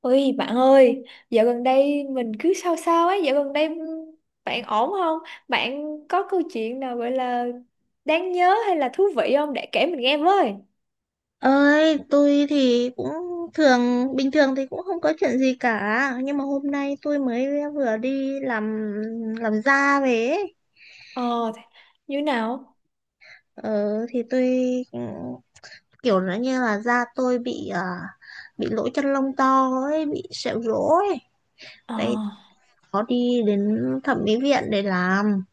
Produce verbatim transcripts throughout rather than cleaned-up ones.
Ôi bạn ơi, dạo gần đây mình cứ sao sao ấy, dạo gần đây bạn ổn không? Bạn có câu chuyện nào gọi là đáng nhớ hay là thú vị không để kể mình nghe với? Ơi, tôi thì cũng thường bình thường thì cũng không có chuyện gì cả, nhưng mà hôm nay tôi mới vừa đi làm làm da về ấy. Ờ, thế- như nào? ờ, thì tôi ừ, kiểu nó như là da tôi bị à, bị lỗ chân lông to ấy, bị sẹo rỗ ấy Ờ. đấy, có đi đến thẩm mỹ viện để làm.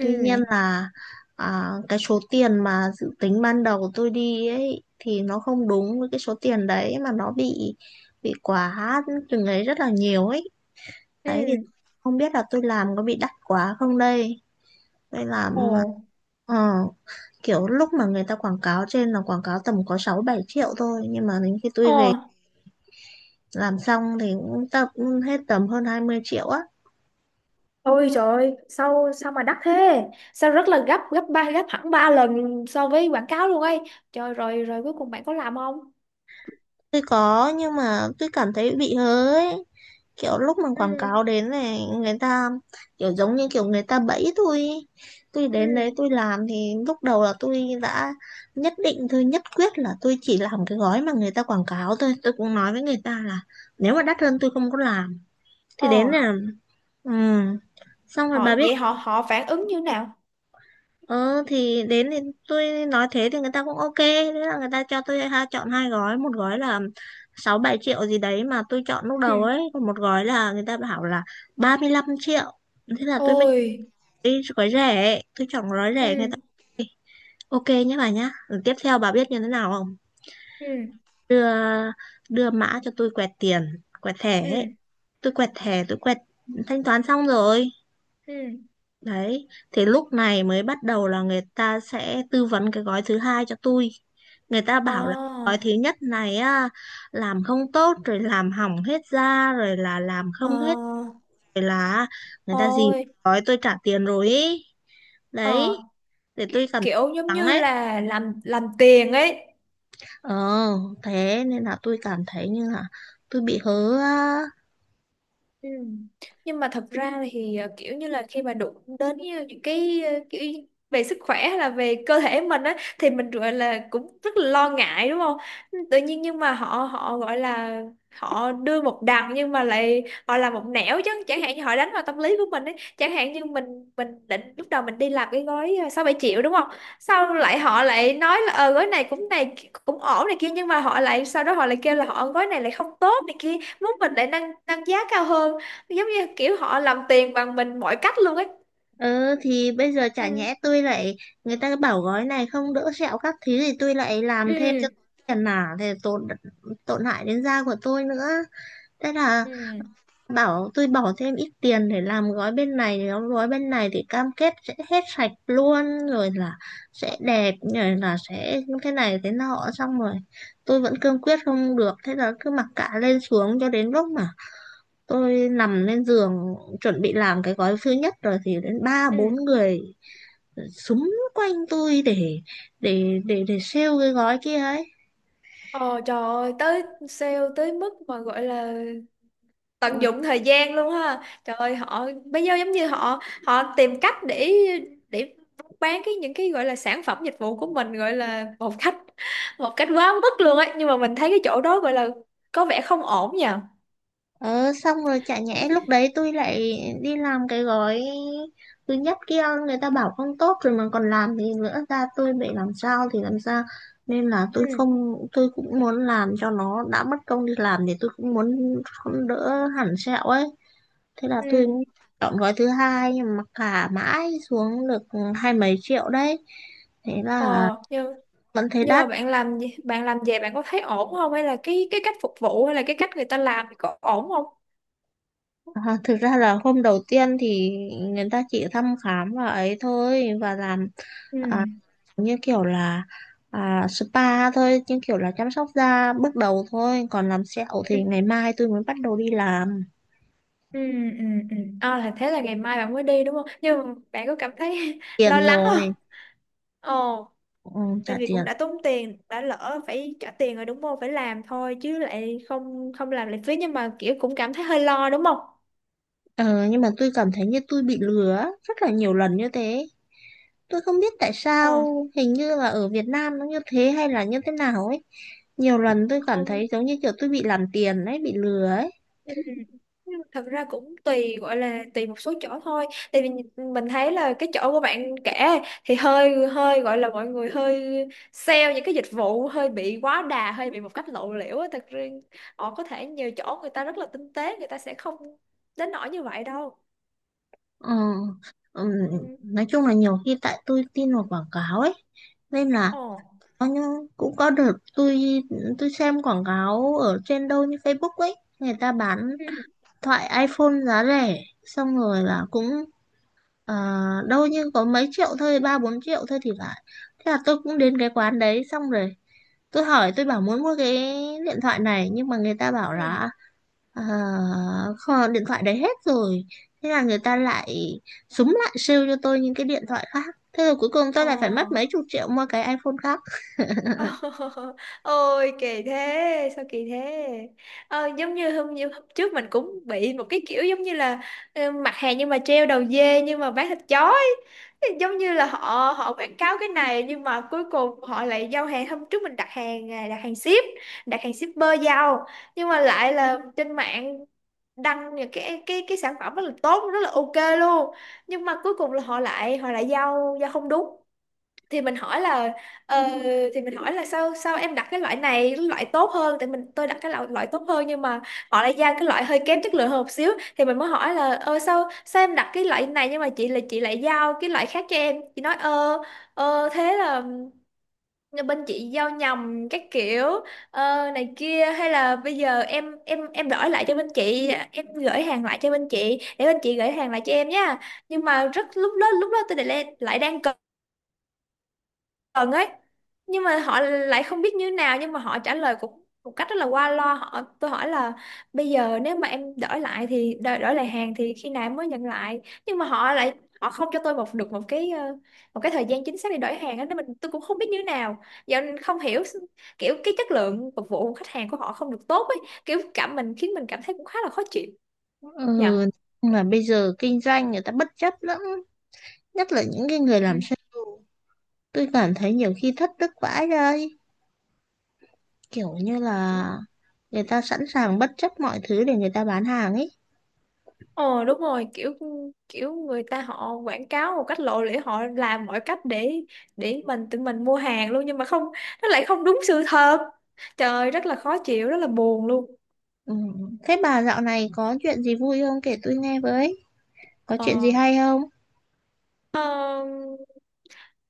Tuy nhiên là, à, cái số tiền mà dự tính ban đầu tôi đi ấy thì nó không đúng với cái số tiền đấy, mà nó bị bị quá từng ấy rất là nhiều ấy. Đấy thì Ừ. không biết là tôi làm có bị đắt quá không đây. Tôi Ồ. làm ờ, kiểu lúc mà người ta quảng cáo trên là quảng cáo tầm có sáu bảy triệu thôi, nhưng mà đến khi tôi về Ờ. làm xong thì cũng tập hết tầm hơn hai mươi triệu á. Ôi trời ơi, sao sao mà đắt thế? Sao rất là gấp, gấp ba, gấp hẳn ba lần so với quảng cáo luôn ấy. Trời, rồi rồi cuối cùng bạn có làm không? Tôi có nhưng mà tôi cảm thấy bị hớ ấy. Kiểu lúc mà Ừ, quảng cáo đến này, người ta kiểu giống như kiểu người ta bẫy tôi ý. Tôi ừ. đến đấy tôi làm thì lúc đầu là tôi đã nhất định, tôi nhất quyết là tôi chỉ làm cái gói mà người ta quảng cáo thôi, tôi cũng nói với người ta là nếu mà đắt hơn tôi không có làm. Thì đến Ờ, là ừ. xong rồi họ bà biết. vậy họ họ phản ứng như nào? Ờ thì đến thì tôi nói thế thì người ta cũng ok. Thế là người ta cho tôi, ha, chọn hai gói. Một gói là sáu bảy triệu gì đấy mà tôi chọn lúc Ừ. đầu ấy. Còn một gói là người ta bảo là 35 triệu. Thế là tôi mới chọn Ôi. cái gói rẻ ấy. Tôi chọn gói rẻ, người ta Ừ, ok nhé bà nhá. Rồi tiếp theo bà biết như thế nào không? ừ, Đưa, đưa mã cho tôi quẹt tiền, quẹt thẻ ấy. ừ, Tôi quẹt thẻ, tôi quẹt thanh toán xong rồi. ừ. Đấy, thì lúc này mới bắt đầu là người ta sẽ tư vấn cái gói thứ hai cho tôi. Người ta Ờ, bảo là gói thứ nhất này á, làm không tốt rồi, làm hỏng hết da rồi, là làm không hết, ờ, rồi là người ta gì thôi, gói tôi trả tiền rồi ý. ờ, Đấy, để tôi cần kiểu giống lắng như ấy. là làm làm tiền ấy. Ờ, thế nên là tôi cảm thấy như là tôi bị hớ á. Ừ. Nhưng mà thật ra thì ờ, kiểu như là khi mà đụng đến như những cái ờ, kiểu về sức khỏe hay là về cơ thể mình á, thì mình gọi là cũng rất là lo ngại đúng không? Tự nhiên nhưng mà họ họ gọi là họ đưa một đằng nhưng mà lại họ làm một nẻo, chứ chẳng hạn như họ đánh vào tâm lý của mình ấy. Chẳng hạn như mình mình định lúc đầu mình đi làm cái gói ờ, sáu bảy triệu đúng không, sau lại họ lại nói là ờ gói này cũng này cũng ổn này kia, nhưng mà họ lại sau đó họ lại kêu là họ gói này lại không tốt này kia, muốn mình lại nâng nâng giá cao hơn, giống như kiểu họ làm tiền bằng mình mọi cách luôn ấy. Ừ thì bây giờ chả Ừ, nhẽ tôi lại, người ta bảo gói này không đỡ sẹo các thứ thì tôi lại làm thêm cho ừ, tiền à, thì tổn tổn hại đến da của tôi nữa. Thế là ừ, bảo tôi bỏ thêm ít tiền để làm gói bên này, thì đóng gói bên này thì cam kết sẽ hết sạch luôn, rồi là sẽ đẹp, rồi là sẽ thế này thế nọ. Xong rồi tôi vẫn cương quyết không được, thế là cứ mặc cả lên xuống cho đến lúc mà tôi nằm lên giường chuẩn bị làm cái gói thứ nhất rồi, thì đến ba ừ. bốn người súng quanh tôi để để để để sale cái gói kia ấy. Ờ trời ơi, tới sale tới mức mà gọi là Ừ. tận dụng thời gian luôn ha. Trời ơi, họ bây giờ giống như họ họ tìm cách để để bán cái những cái gọi là sản phẩm dịch vụ của mình gọi là một cách một cách quá mức luôn ấy, nhưng mà mình thấy cái chỗ đó gọi là có vẻ không ổn nhỉ. ờ xong rồi chả nhẽ lúc đấy tôi lại đi làm cái gói thứ nhất kia, người ta bảo không tốt rồi mà còn làm thì nữa ra tôi bị làm sao thì làm sao. Nên là tôi Ừ, không, tôi cũng muốn làm cho nó đã mất công đi làm, thì tôi cũng muốn không đỡ hẳn sẹo ấy. Thế là tôi ừ. chọn gói thứ hai, nhưng mà cả mãi xuống được hai mấy triệu đấy, thế là Ờ, nhưng vẫn thấy nhưng mà đắt. bạn làm gì- bạn làm về bạn có thấy ổn không, hay là cái cái cách phục vụ hay là cái cách người ta làm thì có ổn không? À, thực ra là hôm đầu tiên thì người ta chỉ thăm khám và ấy thôi và làm, à, Ừ. như kiểu là, à, spa thôi, như kiểu là chăm sóc da bước đầu thôi, còn làm sẹo Ừ. thì ngày mai tôi mới bắt đầu đi làm Ừ, ừ, ừ. À, là thế là ngày mai bạn mới đi đúng không, nhưng mà bạn có cảm thấy lo tiền lắng không? rồi. Ồ, ừ, Trả tại vì cũng tiền. đã tốn tiền đã lỡ phải trả tiền rồi đúng không, phải làm thôi chứ lại không không làm lại phí, nhưng mà kiểu cũng cảm thấy hơi lo đúng không? Ờ, nhưng mà tôi cảm thấy như tôi bị lừa á, rất là nhiều lần như thế. Tôi không biết tại sao, Ờ. hình như là ở Việt Nam nó như thế hay là như thế nào ấy. Nhiều lần tôi cảm Không. thấy giống như kiểu tôi bị làm tiền ấy, bị lừa ấy. Ừ. Thật ra cũng tùy gọi là tùy một số chỗ thôi, tại vì mình thấy là cái chỗ của bạn kể thì hơi hơi gọi là mọi người hơi sale những cái dịch vụ hơi bị quá đà hơi bị một cách lộ liễu á, thật ra họ có thể nhiều chỗ người ta rất là tinh tế, người ta sẽ không đến nỗi như vậy đâu. Ờ, ừm, Ừ. nói chung là nhiều khi tại tôi tin vào quảng cáo ấy, nên là Ồ. có những cũng có đợt tôi tôi xem quảng cáo ở trên đâu như Facebook ấy, người ta bán Ừ. thoại iPhone giá rẻ, xong rồi là cũng, ờ, đâu như có mấy triệu thôi, ba bốn triệu thôi thì phải. Thế là tôi cũng đến cái quán đấy, xong rồi tôi hỏi, tôi bảo muốn mua cái điện thoại này, nhưng mà người ta bảo Ừ. là, À, kho- điện thoại đấy hết rồi. Thế là người ta lại súng lại sale cho tôi những cái điện thoại khác. Thế rồi cuối cùng Ồ. tôi lại phải mất mấy chục triệu mua cái iPhone khác. Ôi kỳ thế, sao kỳ thế. Ờ, giống như hôm như hôm trước mình cũng bị một cái kiểu giống như là ờ, mặt hàng nhưng mà treo đầu dê nhưng mà bán thịt chó ấy. Thì giống như là họ họ quảng cáo cái này nhưng mà cuối cùng họ lại giao hàng, hôm trước mình đặt hàng à, đặt hàng ship đặt hàng shipper giao, nhưng mà lại là trên mạng đăng những cái cái cái sản phẩm rất là tốt rất là ok luôn, nhưng mà cuối cùng là họ lại họ lại giao giao không đúng. Thì mình hỏi là ờ, thì mình hỏi là sao sao em đặt cái loại này, cái loại tốt hơn, tại mình tôi đặt cái loại, loại tốt hơn, nhưng mà họ lại giao cái loại hơi kém chất lượng hơn một xíu. Thì mình mới hỏi là ờ sao sao em đặt cái loại này, nhưng mà chị là chị lại giao cái loại khác cho em. Chị nói ờ ờ thế là bên chị giao nhầm các kiểu ờ, này kia, hay là bây giờ em em em đổi lại cho bên chị, em gửi hàng lại cho bên chị để bên chị gửi hàng lại cho em nha. Nhưng mà rất lúc đó lúc đó tôi lại lại đang cần gần ấy, nhưng mà họ lại không biết như thế nào, nhưng mà họ trả lời cũng một cách rất là qua loa. Họ tôi hỏi là bây giờ nếu mà em đổi lại thì đổi, đổi lại hàng thì khi nào em mới nhận lại, nhưng mà họ lại họ không cho tôi một được một cái ờ, một cái thời gian chính xác để đổi hàng á, nên mình tôi cũng không biết như thế nào giờ. Nên không hiểu s- kiểu cái chất lượng phục vụ của khách hàng của họ không được tốt ấy, kiểu cảm mình khiến mình cảm thấy cũng khá là khó chịu Ừ, nhờ. mà bây giờ kinh doanh người ta bất chấp lắm, nhất là những cái người Ừ. làm sale tôi cảm thấy nhiều khi thất đức vãi đây. Kiểu như là người ta sẵn sàng bất chấp mọi thứ để người ta bán hàng ấy. Ờ đúng rồi, kiểu kiểu người ta họ quảng cáo một cách lộ liễu, họ làm mọi cách để để mình tự mình mua hàng luôn, nhưng mà không, nó lại không đúng sự thật. Trời ơi, rất là khó chịu rất là buồn luôn. Ừ. Thế bà dạo này có chuyện gì vui không, kể tôi nghe với, có chuyện gì ờ, hay không? ờ,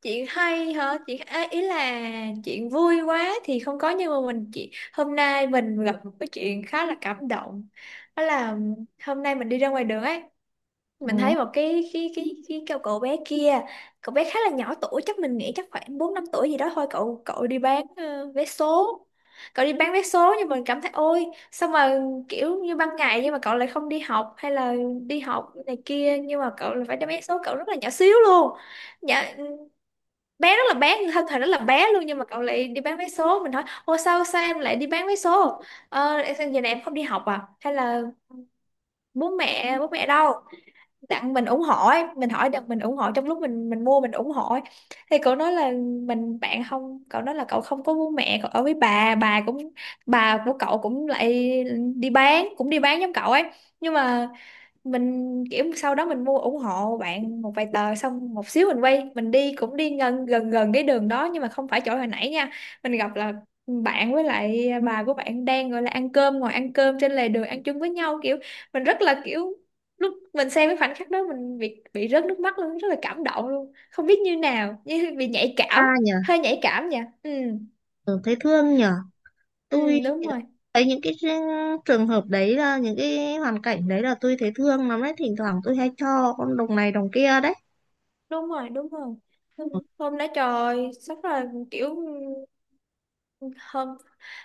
chuyện hay hả, chuyện à, ý là chuyện vui quá thì không có, nhưng mà mình chị hôm nay mình gặp một cái chuyện khá là cảm động. Đó là hôm nay mình đi ra ngoài đường ấy, Ừ. mình thấy một cái cái cái cái cậu cậu bé kia, cậu bé khá là nhỏ tuổi, chắc mình nghĩ chắc khoảng bốn năm tuổi gì đó thôi. Cậu cậu đi bán ờ, vé số, cậu đi bán vé số, nhưng mình cảm thấy ôi sao mà kiểu như ban ngày nhưng mà cậu lại không đi học hay là đi học này kia, nhưng mà cậu lại phải đem vé số, cậu rất là nhỏ xíu luôn, nhỏ bé, rất là bé, thân thể rất là bé luôn, nhưng mà cậu lại đi bán vé số. Mình hỏi ô sao sao em lại đi bán vé số, ờ giờ này em không đi học à, hay là bố mẹ bố mẹ đâu, tặng mình ủng hộ ấy. Mình hỏi được mình ủng hộ, trong lúc mình mình mua mình ủng hộ ấy. Thì cậu nói là mình bạn không cậu nói là cậu không có bố mẹ, cậu ở với bà bà cũng, bà của cậu cũng lại đi bán, cũng đi bán giống cậu ấy. Nhưng mà mình kiểu sau đó mình mua ủng hộ bạn một vài tờ, xong một xíu mình quay mình đi cũng đi gần gần gần cái đường đó nhưng mà không phải chỗ hồi nãy nha. Mình gặp là bạn với lại bà của bạn đang gọi là ăn cơm, ngồi ăn cơm trên lề đường ăn chung với nhau, kiểu mình rất là kiểu lúc mình xem cái khoảnh khắc đó mình bị bị rớt nước mắt luôn, rất là cảm động luôn không biết như nào, như bị nhạy Ta cảm, nhỉ. hơi nhạy cảm nha. Ừ. Ừ, thấy thương nhỉ. Ừ, Tôi đúng rồi, thấy những cái trường hợp đấy, là những cái hoàn cảnh đấy là tôi thấy thương lắm đấy, thỉnh thoảng tôi hay cho con đồng này đồng kia đấy. đúng rồi, đúng rồi, hôm hôm đó trời sắp là kiểu không,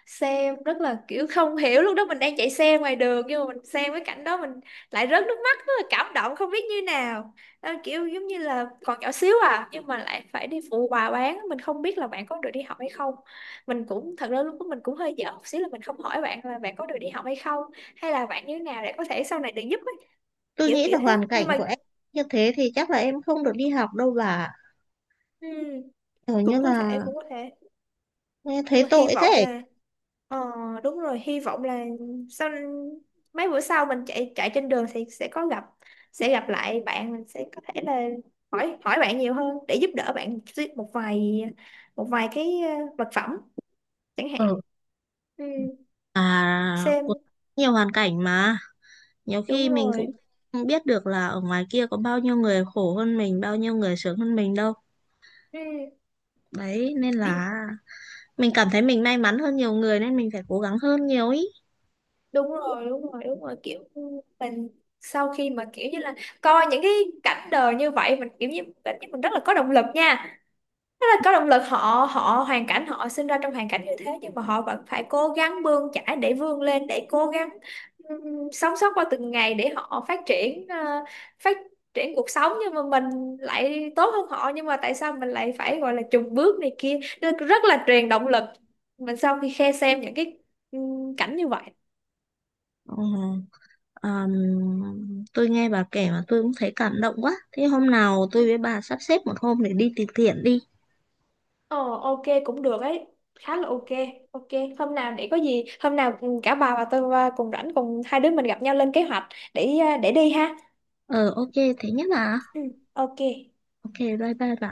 xe rất là, kiểu không hiểu lúc đó mình đang chạy xe ngoài đường nhưng mà mình xem cái cảnh đó mình lại rớt nước mắt, rất là cảm động không biết như nào. Ờ, kiểu giống như là còn nhỏ xíu à nhưng mà lại phải đi phụ bà bán, mình không biết là bạn có được đi học hay không. Mình cũng thật ra lúc đó mình cũng hơi dở một xíu là mình không hỏi bạn là bạn có được đi học hay không hay là bạn như thế nào để có thể sau này được giúp ấy. Tôi Kiểu nghĩ là kiểu thế hoàn nhưng cảnh mà, của em như thế thì chắc là em không được đi học đâu bà, ừm, kiểu như cũng có là thể cũng có thể, nghe nhưng thấy mà hy tội vọng thế. là. Ờ, đúng rồi, hy vọng là sau mấy bữa sau mình chạy chạy trên đường thì sẽ có gặp sẽ gặp lại bạn. Mình sẽ có thể là hỏi hỏi bạn nhiều hơn để giúp đỡ bạn, xí- một vài một vài cái ờ, vật phẩm chẳng hạn. Ừ. Ừ, À, có xem nhiều hoàn cảnh mà nhiều đúng khi mình rồi. cũng không biết được là ở ngoài kia có bao nhiêu người khổ hơn mình, bao nhiêu người sướng hơn mình đâu. Ừ, Đấy nên là mình cảm thấy mình may mắn hơn nhiều người, nên mình phải cố gắng hơn nhiều ý. đúng rồi, đúng rồi, đúng rồi. Kiểu mình sau khi mà kiểu như là coi những cái cảnh đời như vậy, mình kiểu như cảm giác mình rất là có động lực nha. Rất là có động lực, họ họ hoàn cảnh họ sinh ra trong hoàn cảnh như thế, nhưng mà họ vẫn phải cố gắng bươn chải để vươn lên để cố gắng ừm, sống sót qua từng ngày để họ phát triển ờ, phát triển cuộc sống, nhưng mà mình lại tốt hơn họ, nhưng mà tại sao mình lại phải gọi là chùn bước này kia? Nó rất là truyền động lực mình sau khi khe xem những cái ừm, cảnh như vậy. Ừ. Ờm, tôi nghe bà kể mà tôi cũng thấy cảm động quá. Thế hôm nào tôi với bà sắp xếp một hôm để đi từ thiện đi. Ờ ok cũng được ấy, khá là ok, ok. Hôm nào để có gì hôm nào cả bà và tôi và cùng rảnh cùng hai đứa mình gặp nhau lên kế hoạch để à, để đi ha. Ờ, ok, thế nhất là. Ừ, ok. Ok, bye bye bà.